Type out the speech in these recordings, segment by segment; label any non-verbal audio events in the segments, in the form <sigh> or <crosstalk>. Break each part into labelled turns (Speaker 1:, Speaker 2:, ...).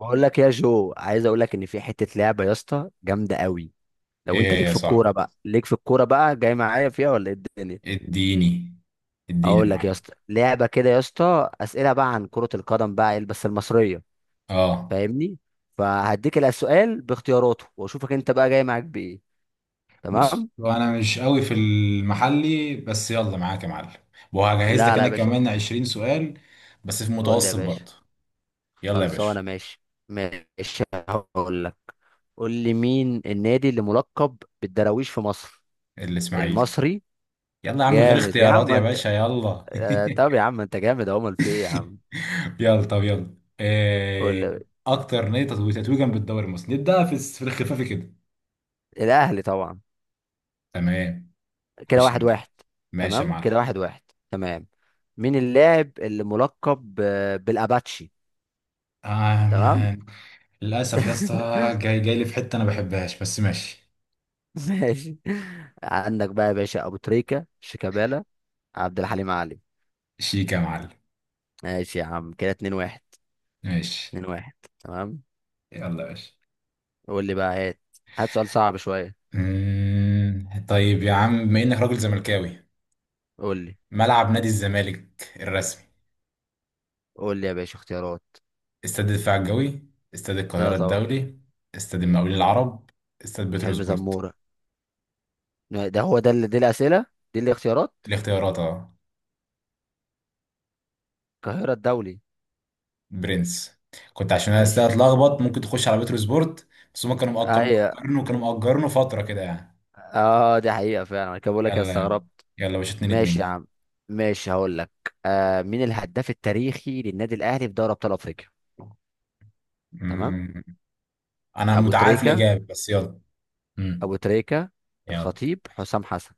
Speaker 1: بقول لك يا جو، عايز اقول لك ان في حته لعبه يا اسطى جامده قوي. لو انت
Speaker 2: ايه
Speaker 1: ليك
Speaker 2: يا
Speaker 1: في
Speaker 2: صاحبي؟
Speaker 1: الكوره بقى جاي معايا فيها ولا ايه الدنيا؟
Speaker 2: اديني اديني يا
Speaker 1: اقول لك يا
Speaker 2: معلم.
Speaker 1: اسطى لعبه كده يا اسطى، اسئله بقى عن كره القدم بقى بس المصريه.
Speaker 2: اه،
Speaker 1: فاهمني؟ فهديك السؤال باختياراته واشوفك انت بقى جاي معاك بايه.
Speaker 2: بص،
Speaker 1: تمام.
Speaker 2: هو انا مش قوي في المحلي بس يلا معاك يا معلم. وهجهز
Speaker 1: لا
Speaker 2: لك
Speaker 1: لا
Speaker 2: انا
Speaker 1: يا باشا.
Speaker 2: كمان 20 سؤال بس في
Speaker 1: قول لي يا
Speaker 2: متوسط
Speaker 1: باشا.
Speaker 2: برضه. يلا يا باشا.
Speaker 1: خلصانه، ماشي. ماشي هقول لك. قول لي، مين النادي اللي ملقب بالدراويش في مصر؟
Speaker 2: الاسماعيلي.
Speaker 1: المصري.
Speaker 2: يلا يا عم غير
Speaker 1: جامد يا
Speaker 2: اختيارات
Speaker 1: عم
Speaker 2: يا
Speaker 1: انت.
Speaker 2: باشا، يلا.
Speaker 1: طب يا عم انت جامد اهو، امال في ايه يا عم؟
Speaker 2: <laughs> يلا طب، يلا
Speaker 1: قول
Speaker 2: إيه؟
Speaker 1: لي.
Speaker 2: اكتر نادي تتويجا بالدوري المصري، نبدا في الخفافي كده.
Speaker 1: الاهلي طبعا.
Speaker 2: تمام.
Speaker 1: كده
Speaker 2: خش يا
Speaker 1: واحد
Speaker 2: باشا.
Speaker 1: واحد.
Speaker 2: ماشي يا
Speaker 1: تمام
Speaker 2: معلم.
Speaker 1: كده واحد واحد. تمام. مين اللاعب اللي ملقب بالاباتشي؟ تمام.
Speaker 2: آه للأسف يا اسطى،
Speaker 1: <laughs>
Speaker 2: جاي جاي لي في حتة أنا بحبهاش بس ماشي.
Speaker 1: ماشي. عندك بقى يا باشا ابو تريكة، شيكابالا، عبد الحليم علي.
Speaker 2: شيك يا معلم.
Speaker 1: ماشي يا عم، كده اتنين واحد.
Speaker 2: ماشي.
Speaker 1: اتنين واحد. تمام.
Speaker 2: يلا يا باشا.
Speaker 1: قول لي بقى، هات. هات سؤال صعب شوية.
Speaker 2: طيب يا عم بما إنك راجل زملكاوي،
Speaker 1: قول لي.
Speaker 2: ملعب نادي الزمالك الرسمي:
Speaker 1: قول لي يا باشا اختيارات.
Speaker 2: استاد الدفاع الجوي، استاد
Speaker 1: لا
Speaker 2: القاهرة
Speaker 1: طبعا.
Speaker 2: الدولي، استاد المقاولين العرب، استاد
Speaker 1: حلمي
Speaker 2: بتروسبورت.
Speaker 1: زمورة. ده هو ده اللي دي الأسئلة. دي الاختيارات.
Speaker 2: الاختيارات، اه.
Speaker 1: القاهرة الدولي.
Speaker 2: برنس. كنت عشان انا استاد
Speaker 1: ماشي.
Speaker 2: اتلخبط ممكن تخش على بتروسبورت. بس هما كانوا مأ- كانوا
Speaker 1: هي،
Speaker 2: مأجرينه كانوا مأجرينه فترة كده يعني.
Speaker 1: اه دي حقيقة فعلا، انا كده بقول لك أنا
Speaker 2: يلا.
Speaker 1: استغربت.
Speaker 2: يلا يا باشا 2
Speaker 1: ماشي يا عم. ماشي هقول لك. آه، مين الهداف التاريخي للنادي الأهلي في دوري أبطال أفريقيا؟ تمام.
Speaker 2: 2 انا
Speaker 1: أبو
Speaker 2: متعارف
Speaker 1: تريكة.
Speaker 2: الاجابه بس يلا. امم
Speaker 1: أبو تريكة.
Speaker 2: يلا.
Speaker 1: الخطيب، حسام حسن.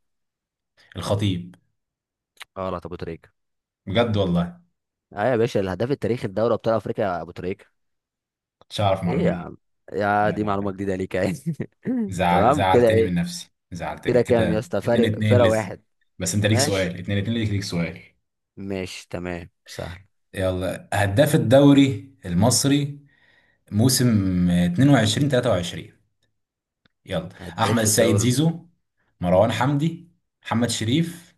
Speaker 2: الخطيب.
Speaker 1: غلط، أبو تريكة.
Speaker 2: بجد والله.
Speaker 1: اه يا باشا، الهداف التاريخي لدوري أبطال أفريقيا أبو تريكة.
Speaker 2: كنتش اعرف
Speaker 1: ايه
Speaker 2: المعلومه
Speaker 1: يا
Speaker 2: دي.
Speaker 1: عم؟
Speaker 2: لا
Speaker 1: يا دي
Speaker 2: لا
Speaker 1: معلومة
Speaker 2: لا،
Speaker 1: جديدة ليك يعني. <laughs>
Speaker 2: زعل
Speaker 1: تمام كده،
Speaker 2: زعلتني من
Speaker 1: ايه؟
Speaker 2: نفسي، زعلتني
Speaker 1: كده كام يا
Speaker 2: كده
Speaker 1: اسطى؟
Speaker 2: اتنين
Speaker 1: فارق،
Speaker 2: اتنين
Speaker 1: فرق
Speaker 2: لسه.
Speaker 1: واحد.
Speaker 2: بس انت ليك
Speaker 1: ماشي.
Speaker 2: سؤال، اتنين اتنين، ليك ليك سؤال.
Speaker 1: ماشي تمام سهل.
Speaker 2: يلا، هداف الدوري المصري موسم 22/23. يلا. احمد
Speaker 1: هداف
Speaker 2: السيد
Speaker 1: الدوري
Speaker 2: زيزو، مروان حمدي، محمد شريف،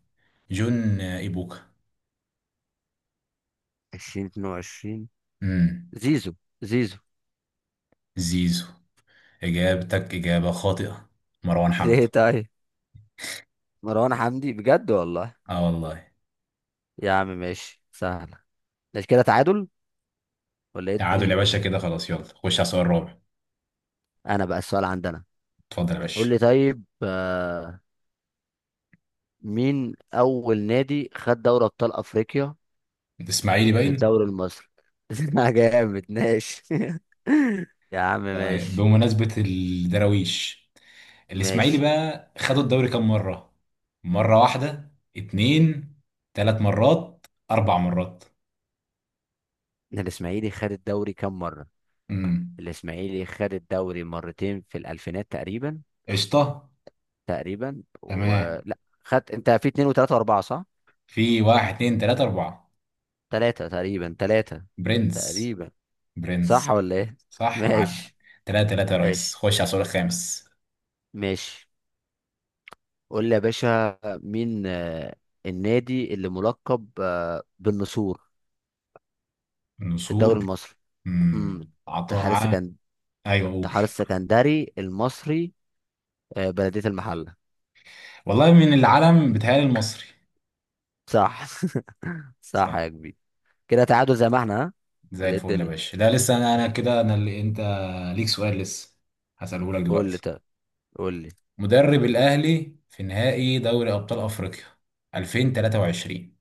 Speaker 2: جون ايبوكا.
Speaker 1: 2022.
Speaker 2: امم
Speaker 1: زيزو. زيزو.
Speaker 2: زيزو، اجابتك اجابه خاطئه. مروان
Speaker 1: <laughs>
Speaker 2: حمدي.
Speaker 1: ليه طيب؟ مروان حمدي، بجد والله؟
Speaker 2: اه والله.
Speaker 1: يا عم ماشي سهلة. مش كده تعادل ولا ايه
Speaker 2: تعادل يا
Speaker 1: الدنيا؟
Speaker 2: باشا كده، خلاص يلا خش على السؤال الرابع.
Speaker 1: انا بقى السؤال عندنا.
Speaker 2: اتفضل يا باشا.
Speaker 1: قول لي طيب، مين اول نادي خد دوري ابطال افريقيا
Speaker 2: الاسماعيلي
Speaker 1: من
Speaker 2: باين.
Speaker 1: الدوري المصري؟ <laughs> جامد ماشي. <laughs> يا عم
Speaker 2: طيب
Speaker 1: ماشي.
Speaker 2: بمناسبة الدراويش، الاسماعيلي
Speaker 1: ماشي.
Speaker 2: بقى خد الدوري كام مرة؟ مرة واحدة، اتنين، تلات مرات، أربع مرات.
Speaker 1: الاسماعيلي خد الدوري كام مرة؟
Speaker 2: امم
Speaker 1: الاسماعيلي خد الدوري مرتين في الالفينات تقريبا.
Speaker 2: قشطة.
Speaker 1: تقريبا،
Speaker 2: تمام.
Speaker 1: ولا؟ خدت انت في اتنين وتلاتة واربعة، صح؟
Speaker 2: في واحد اتنين تلاتة أربعة.
Speaker 1: تلاتة تقريبا، تلاتة.
Speaker 2: برنس.
Speaker 1: تقريبا. صح
Speaker 2: برنس.
Speaker 1: ولا ايه؟
Speaker 2: صح يا معلم.
Speaker 1: ماشي.
Speaker 2: تلاتة تلاتة يا ريس،
Speaker 1: ماشي.
Speaker 2: خش على السؤال الخامس.
Speaker 1: ماشي. قول لي يا باشا، مين النادي اللي ملقب بالنسور في
Speaker 2: نسور.
Speaker 1: الدوري المصري؟ امم
Speaker 2: امم عطاء
Speaker 1: اتحاد
Speaker 2: ع-
Speaker 1: السكن
Speaker 2: أيوه قول.
Speaker 1: اتحاد السكندري، المصري، آه، بلدية المحلة.
Speaker 2: والله من العلم بتهيألي المصري.
Speaker 1: صح. <laughs> صح
Speaker 2: صح.
Speaker 1: يا كبير. كده تعادل زي ما احنا، ها؟
Speaker 2: زي
Speaker 1: ولا ايه
Speaker 2: الفل يا
Speaker 1: الدنيا؟
Speaker 2: باشا، لا لسه انا كده، انا اللي انت، ليك سؤال لسه، هسأله لك
Speaker 1: قول لي
Speaker 2: دلوقتي.
Speaker 1: طيب. قول لي.
Speaker 2: مدرب الاهلي في نهائي دوري ابطال افريقيا 2023،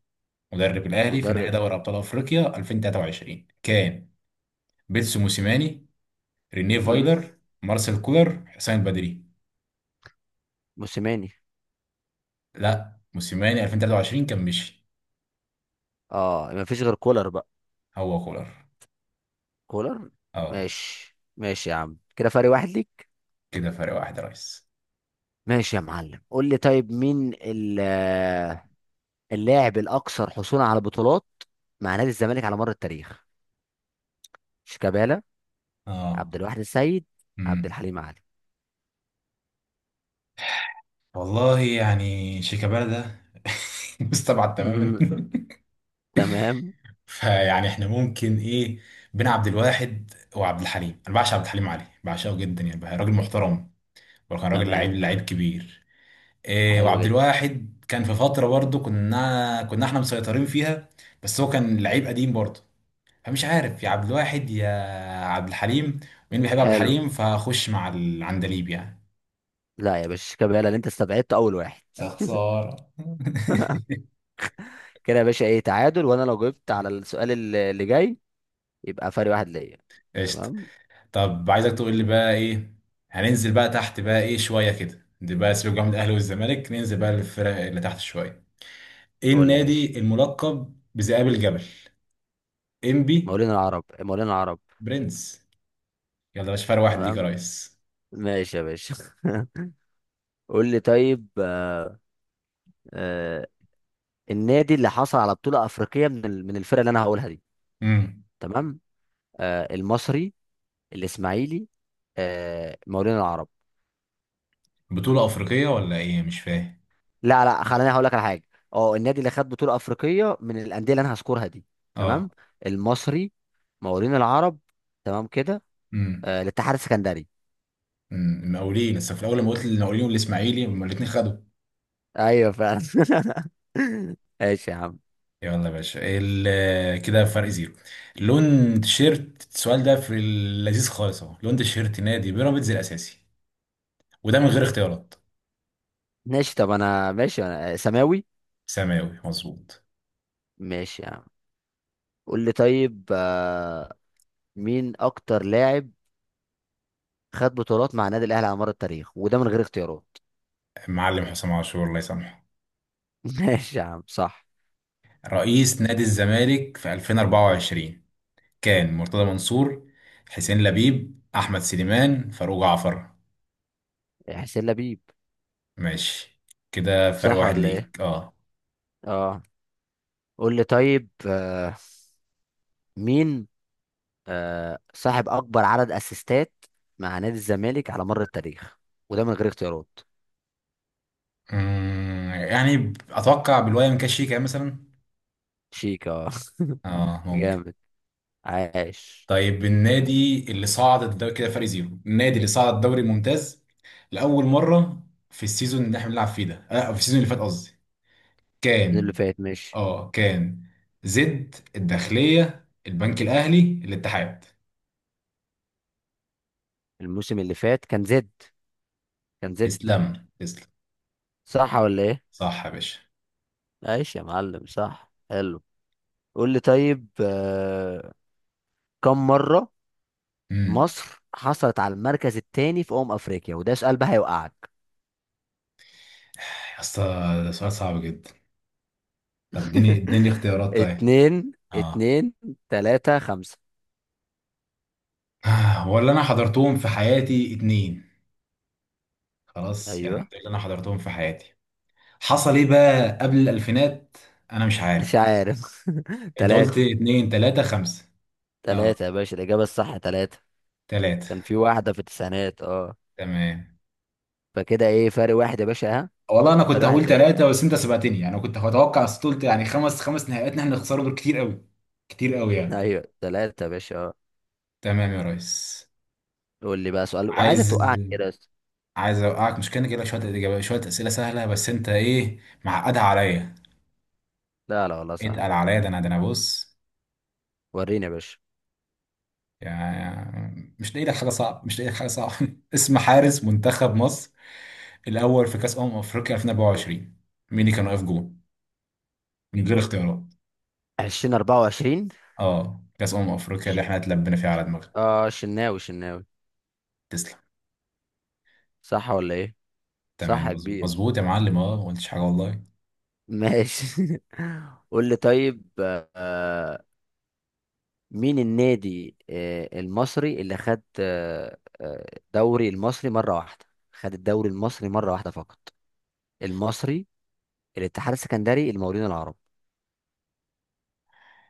Speaker 2: مدرب الاهلي في نهائي
Speaker 1: مدرب.
Speaker 2: دوري ابطال افريقيا 2023 كان: بيتسو موسيماني، رينيه
Speaker 1: امم
Speaker 2: فايلر، مارسيل كولر، حسام بدري.
Speaker 1: موسيماني.
Speaker 2: لا، موسيماني 2023 كان مشي.
Speaker 1: اه مفيش غير كولر بقى.
Speaker 2: هو كولر.
Speaker 1: كولر.
Speaker 2: اه
Speaker 1: ماشي ماشي يا عم، كده فرق واحد ليك.
Speaker 2: كده فرق واحد يا ريس.
Speaker 1: ماشي يا معلم. قول لي طيب، مين اللاعب الاكثر حصولا على بطولات مع نادي الزمالك على مر التاريخ؟ شيكابالا،
Speaker 2: اه.
Speaker 1: عبد الواحد السيد، عبد
Speaker 2: امم
Speaker 1: الحليم علي.
Speaker 2: والله يعني شيكابالا ده <laughs> مستبعد تماما.
Speaker 1: مم. تمام.
Speaker 2: فيعني احنا ممكن ايه؟ بين عبد الواحد وعبد الحليم، انا بعشق عبد الحليم علي، بعشقه جدا يعني، بقى راجل محترم وكان راجل لعيب
Speaker 1: تمام.
Speaker 2: لعيب كبير. إيه،
Speaker 1: حلو
Speaker 2: وعبد
Speaker 1: جدا.
Speaker 2: الواحد كان في فتره برضه كنا احنا مسيطرين فيها، بس هو كان لعيب قديم برضه. فمش عارف يا عبد الواحد يا عبد الحليم. مين بيحب عبد
Speaker 1: حلو.
Speaker 2: الحليم فخش مع العندليب يعني.
Speaker 1: لا يا باشا، شيكابالا اللي انت استبعدت اول واحد.
Speaker 2: يا خسارة <laughs>
Speaker 1: كده يا باشا ايه، تعادل، وانا لو جبت على السؤال اللي جاي يبقى فرق واحد ليا.
Speaker 2: قشطه.
Speaker 1: تمام.
Speaker 2: طب عايزك تقول لي بقى ايه، هننزل بقى تحت بقى ايه شويه كده. دي بقى سيبك بقى من الاهلي والزمالك، ننزل بقى للفرق اللي تحت شويه. ايه
Speaker 1: قول لي ماشي.
Speaker 2: النادي الملقب بذئاب الجبل؟ ام بي.
Speaker 1: مولين العرب، مولين العرب.
Speaker 2: برنس. يلا يا باشا، فرق واحد ليك يا
Speaker 1: تمام.
Speaker 2: ريس.
Speaker 1: ماشي يا باشا. <laughs> قول لي طيب، آه النادي اللي حصل على بطولة أفريقية من الفرق اللي أنا هقولها دي.
Speaker 2: امم
Speaker 1: تمام. آه المصري، الإسماعيلي، آه مقاولين العرب.
Speaker 2: بطوله افريقيه ولا ايه؟ مش فاهم.
Speaker 1: لا لا، خليني هقول لك على حاجة. اه، النادي اللي خد بطولة أفريقية من الأندية اللي أنا هذكرها دي.
Speaker 2: اه.
Speaker 1: تمام. المصري، مقاولين العرب، تمام كده،
Speaker 2: امم
Speaker 1: آه الاتحاد السكندري.
Speaker 2: المقاولين لسه في الاول، لما قلت المقاولين والاسماعيلي هما الاثنين خدوا.
Speaker 1: أيوه فعلا. <laughs> ماشي يا عم.
Speaker 2: يلا يا باشا، كده فرق زيرو. لون تيشيرت السؤال ده في اللذيذ خالص اهو، لون تيشيرت نادي بيراميدز الاساسي، وده من غير اختيارات.
Speaker 1: ماشي طب أنا، ماشي أنا، سماوي.
Speaker 2: سماوي مظبوط.
Speaker 1: ماشي يا عم. قول لي طيب، مين اكتر لاعب خد بطولات مع النادي الاهلي على مر التاريخ؟ وده من غير اختيارات.
Speaker 2: المعلم حسام عاشور، الله يسامحه.
Speaker 1: <laughs> ماشي يا عم صح.
Speaker 2: رئيس نادي الزمالك في 2024 كان: مرتضى منصور، حسين لبيب، أحمد سليمان، فاروق جعفر.
Speaker 1: حسين لبيب.
Speaker 2: ماشي. كده فرق
Speaker 1: صح
Speaker 2: واحد
Speaker 1: ولا ايه؟
Speaker 2: ليك، اه.
Speaker 1: اه. قول لي طيب، مين صاحب اكبر عدد اسيستات مع نادي الزمالك على مر التاريخ؟ وده من غير اختيارات.
Speaker 2: يعني أتوقع بالوايم كاشيكا مثلا.
Speaker 1: شيك، اه. <laughs>
Speaker 2: اه ممكن.
Speaker 1: جامد. عاش.
Speaker 2: طيب النادي اللي صعد الدوري، كده فرق زيرو، النادي اللي صعد الدوري الممتاز لأول مرة في السيزون اللي احنا بنلعب فيه ده، في السيزون اللي فات قصدي،
Speaker 1: ده اللي
Speaker 2: كان،
Speaker 1: فات ماشي.
Speaker 2: اه كان: زد، الداخلية، البنك الأهلي، الاتحاد.
Speaker 1: الموسم اللي فات كان زد. كان زد.
Speaker 2: تسلم تسلم.
Speaker 1: صح ولا ايه؟
Speaker 2: صح يا باشا.
Speaker 1: عاش يا معلم صح، حلو. قول لي طيب، كم مرة
Speaker 2: امم
Speaker 1: مصر حصلت على المركز الثاني في أمم أفريقيا؟ وده سؤال بقى هيوقعك.
Speaker 2: يا اسطى ده سؤال صعب جدا. طب اديني اديني
Speaker 1: <laughs>
Speaker 2: اختيارات طيب.
Speaker 1: اتنين،
Speaker 2: اه.
Speaker 1: اتنين، تلاتة، خمسة.
Speaker 2: ولا انا حضرتهم في حياتي اتنين، خلاص يعني
Speaker 1: أيوه.
Speaker 2: ده اللي انا حضرتهم في حياتي. حصل ايه بقى قبل الألفينات؟ انا مش
Speaker 1: مش
Speaker 2: عارف.
Speaker 1: عارف. <laughs>
Speaker 2: انت قلت
Speaker 1: تلاتة.
Speaker 2: اتنين تلاتة خمسة. اه.
Speaker 1: تلاتة يا باشا، الإجابة الصح تلاتة.
Speaker 2: تلاتة.
Speaker 1: كان في واحدة في التسعينات اه.
Speaker 2: تمام.
Speaker 1: فكده إيه، فرق واحد يا باشا، ها؟
Speaker 2: والله انا كنت
Speaker 1: فرق واحد
Speaker 2: هقول
Speaker 1: ليا. <laughs>
Speaker 2: ثلاثه بس انت سبقتني يعني، انا كنت هتوقع بس قلت يعني خمس خمس نهائيات إن احنا نخسرهم دول كتير قوي. كتير قوي يعني.
Speaker 1: أيوه تلاتة يا باشا اه.
Speaker 2: تمام يا ريس.
Speaker 1: قول لي بقى سؤال وعايزك
Speaker 2: عايز
Speaker 1: توقعني كده بس.
Speaker 2: عايز اوقعك، مش كان كده شويه اجابات شويه اسئله سهله بس انت ايه معقدها عليا،
Speaker 1: لا لا والله سهل.
Speaker 2: اتقل عليا. ده انا، ده انا بص،
Speaker 1: وريني يا باشا.
Speaker 2: يعني مش لاقي لك حاجه صعبه مش لاقي لك حاجه صعبه <laughs> اسم حارس منتخب مصر الاول في كاس افريقيا 2024، مين اللي كان واقف جول، من غير اختيارات؟
Speaker 1: عشرين أربعة وعشرين.
Speaker 2: اه، كاس افريقيا اللي احنا اتلبينا فيها على دماغنا.
Speaker 1: اه شناوي، شناوي.
Speaker 2: تسلم.
Speaker 1: صح ولا إيه؟ صح
Speaker 2: تمام
Speaker 1: يا
Speaker 2: مظبوط
Speaker 1: كبير.
Speaker 2: مظبوط يا معلم، اه ما قلتش حاجه والله.
Speaker 1: ماشي. <laughs> قول لي طيب، مين النادي المصري اللي خد الدوري المصري مرة واحدة؟ خد الدوري المصري مرة واحدة فقط. المصري، الاتحاد السكندري، المقاولين العرب.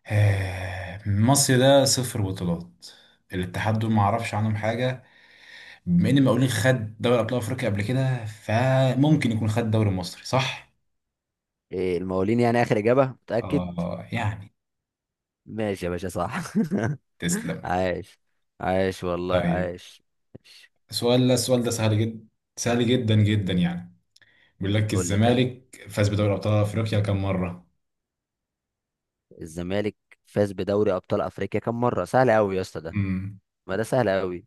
Speaker 2: مصر ده صفر بطولات. الاتحاد دول ما اعرفش عنهم حاجه. بما ان مقاولين خد دوري ابطال افريقيا قبل كده، فممكن يكون خد دوري مصري، صح.
Speaker 1: المقاولين، يعني آخر إجابة متأكد.
Speaker 2: اه يعني.
Speaker 1: ماشي يا باشا صح. <laughs>
Speaker 2: تسلم.
Speaker 1: عاش. عاش والله
Speaker 2: طيب.
Speaker 1: عاش. ماشي.
Speaker 2: السؤال ده السؤال ده سهل جدا، سهل جدا جدا يعني. بيقول لك
Speaker 1: قول لي طيب.
Speaker 2: الزمالك فاز بدوري ابطال افريقيا كم مره؟
Speaker 1: الزمالك فاز بدوري أبطال أفريقيا كم مرة؟ سهل أوي يا اسطى ده.
Speaker 2: امم
Speaker 1: ما ده سهل أوي.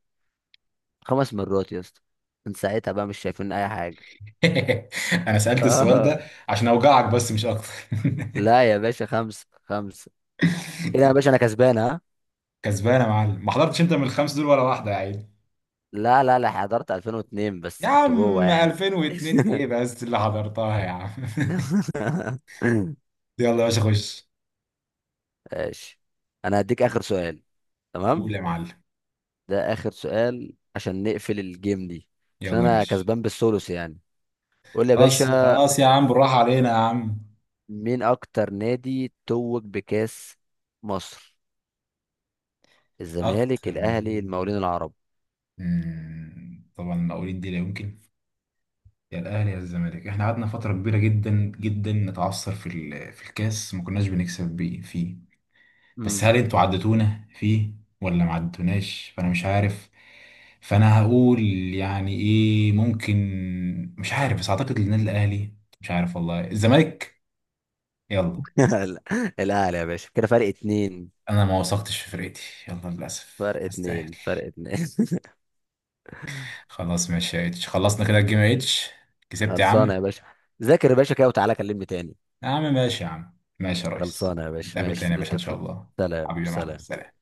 Speaker 1: خمس مرات يا اسطى. من ساعتها بقى مش شايفين اي حاجه.
Speaker 2: <laughs> انا سالت السؤال
Speaker 1: اه.
Speaker 2: ده عشان اوجعك بس مش اكتر.
Speaker 1: لا يا باشا، خمسه خمسه. كده يا
Speaker 2: <laughs>
Speaker 1: باشا انا كسبان، ها؟
Speaker 2: كسبان يا معلم، ما حضرتش انت من الخمس دول ولا واحده يا عيني.
Speaker 1: لا لا لا، حضرت 2002
Speaker 2: يا
Speaker 1: بس كنت جوه
Speaker 2: عم
Speaker 1: يعني.
Speaker 2: 2002 ايه
Speaker 1: <laughs>
Speaker 2: بس اللي حضرتها يا عم؟ <laughs> يلا يا باشا خش.
Speaker 1: ماشي. انا هديك اخر سؤال.
Speaker 2: قول
Speaker 1: تمام.
Speaker 2: يا معلم.
Speaker 1: ده اخر سؤال عشان نقفل الجيم دي. عشان
Speaker 2: يلا يا
Speaker 1: انا
Speaker 2: باشا.
Speaker 1: كسبان بالثلث يعني. قول لي يا
Speaker 2: خلاص
Speaker 1: باشا.
Speaker 2: خلاص يا عم، بالراحه علينا يا عم.
Speaker 1: مين اكتر نادي توج بكاس مصر؟ الزمالك،
Speaker 2: اكتر
Speaker 1: الاهلي،
Speaker 2: من،
Speaker 1: المقاولين العرب.
Speaker 2: طبعا المقاولين دي لا يمكن. يا الاهلي يا الزمالك، احنا قعدنا فتره كبيره جدا جدا نتعثر في الكاس، ما كناش بنكسب بيه فيه، بس هل انتوا عدتونا فيه ولا ما عدتوناش، فانا مش عارف. فانا هقول يعني ايه ممكن، مش عارف بس اعتقد النادي الاهلي. مش عارف والله، الزمالك. يلا.
Speaker 1: <laughs> لا. الاهلي يا باشا، كده فرق اتنين.
Speaker 2: انا ما وثقتش في فرقتي. يلا للاسف
Speaker 1: فرق
Speaker 2: استاهل.
Speaker 1: اتنين، فرق اتنين. <laughs>
Speaker 2: خلاص ماشي يا اتش، خلصنا كده الجيم يا اتش. كسبت يا عم.
Speaker 1: خلصانه يا باشا. ذاكر يا باشا كده وتعالى كلمني تاني.
Speaker 2: يا عم ماشي، يا عم ماشي يا ريس.
Speaker 1: خلصانه يا باشا،
Speaker 2: نتقابل تاني
Speaker 1: ماشي
Speaker 2: يا باشا ان شاء
Speaker 1: تتفق.
Speaker 2: الله.
Speaker 1: سلام
Speaker 2: حبيبي يا معلم،
Speaker 1: سلام.
Speaker 2: سلام.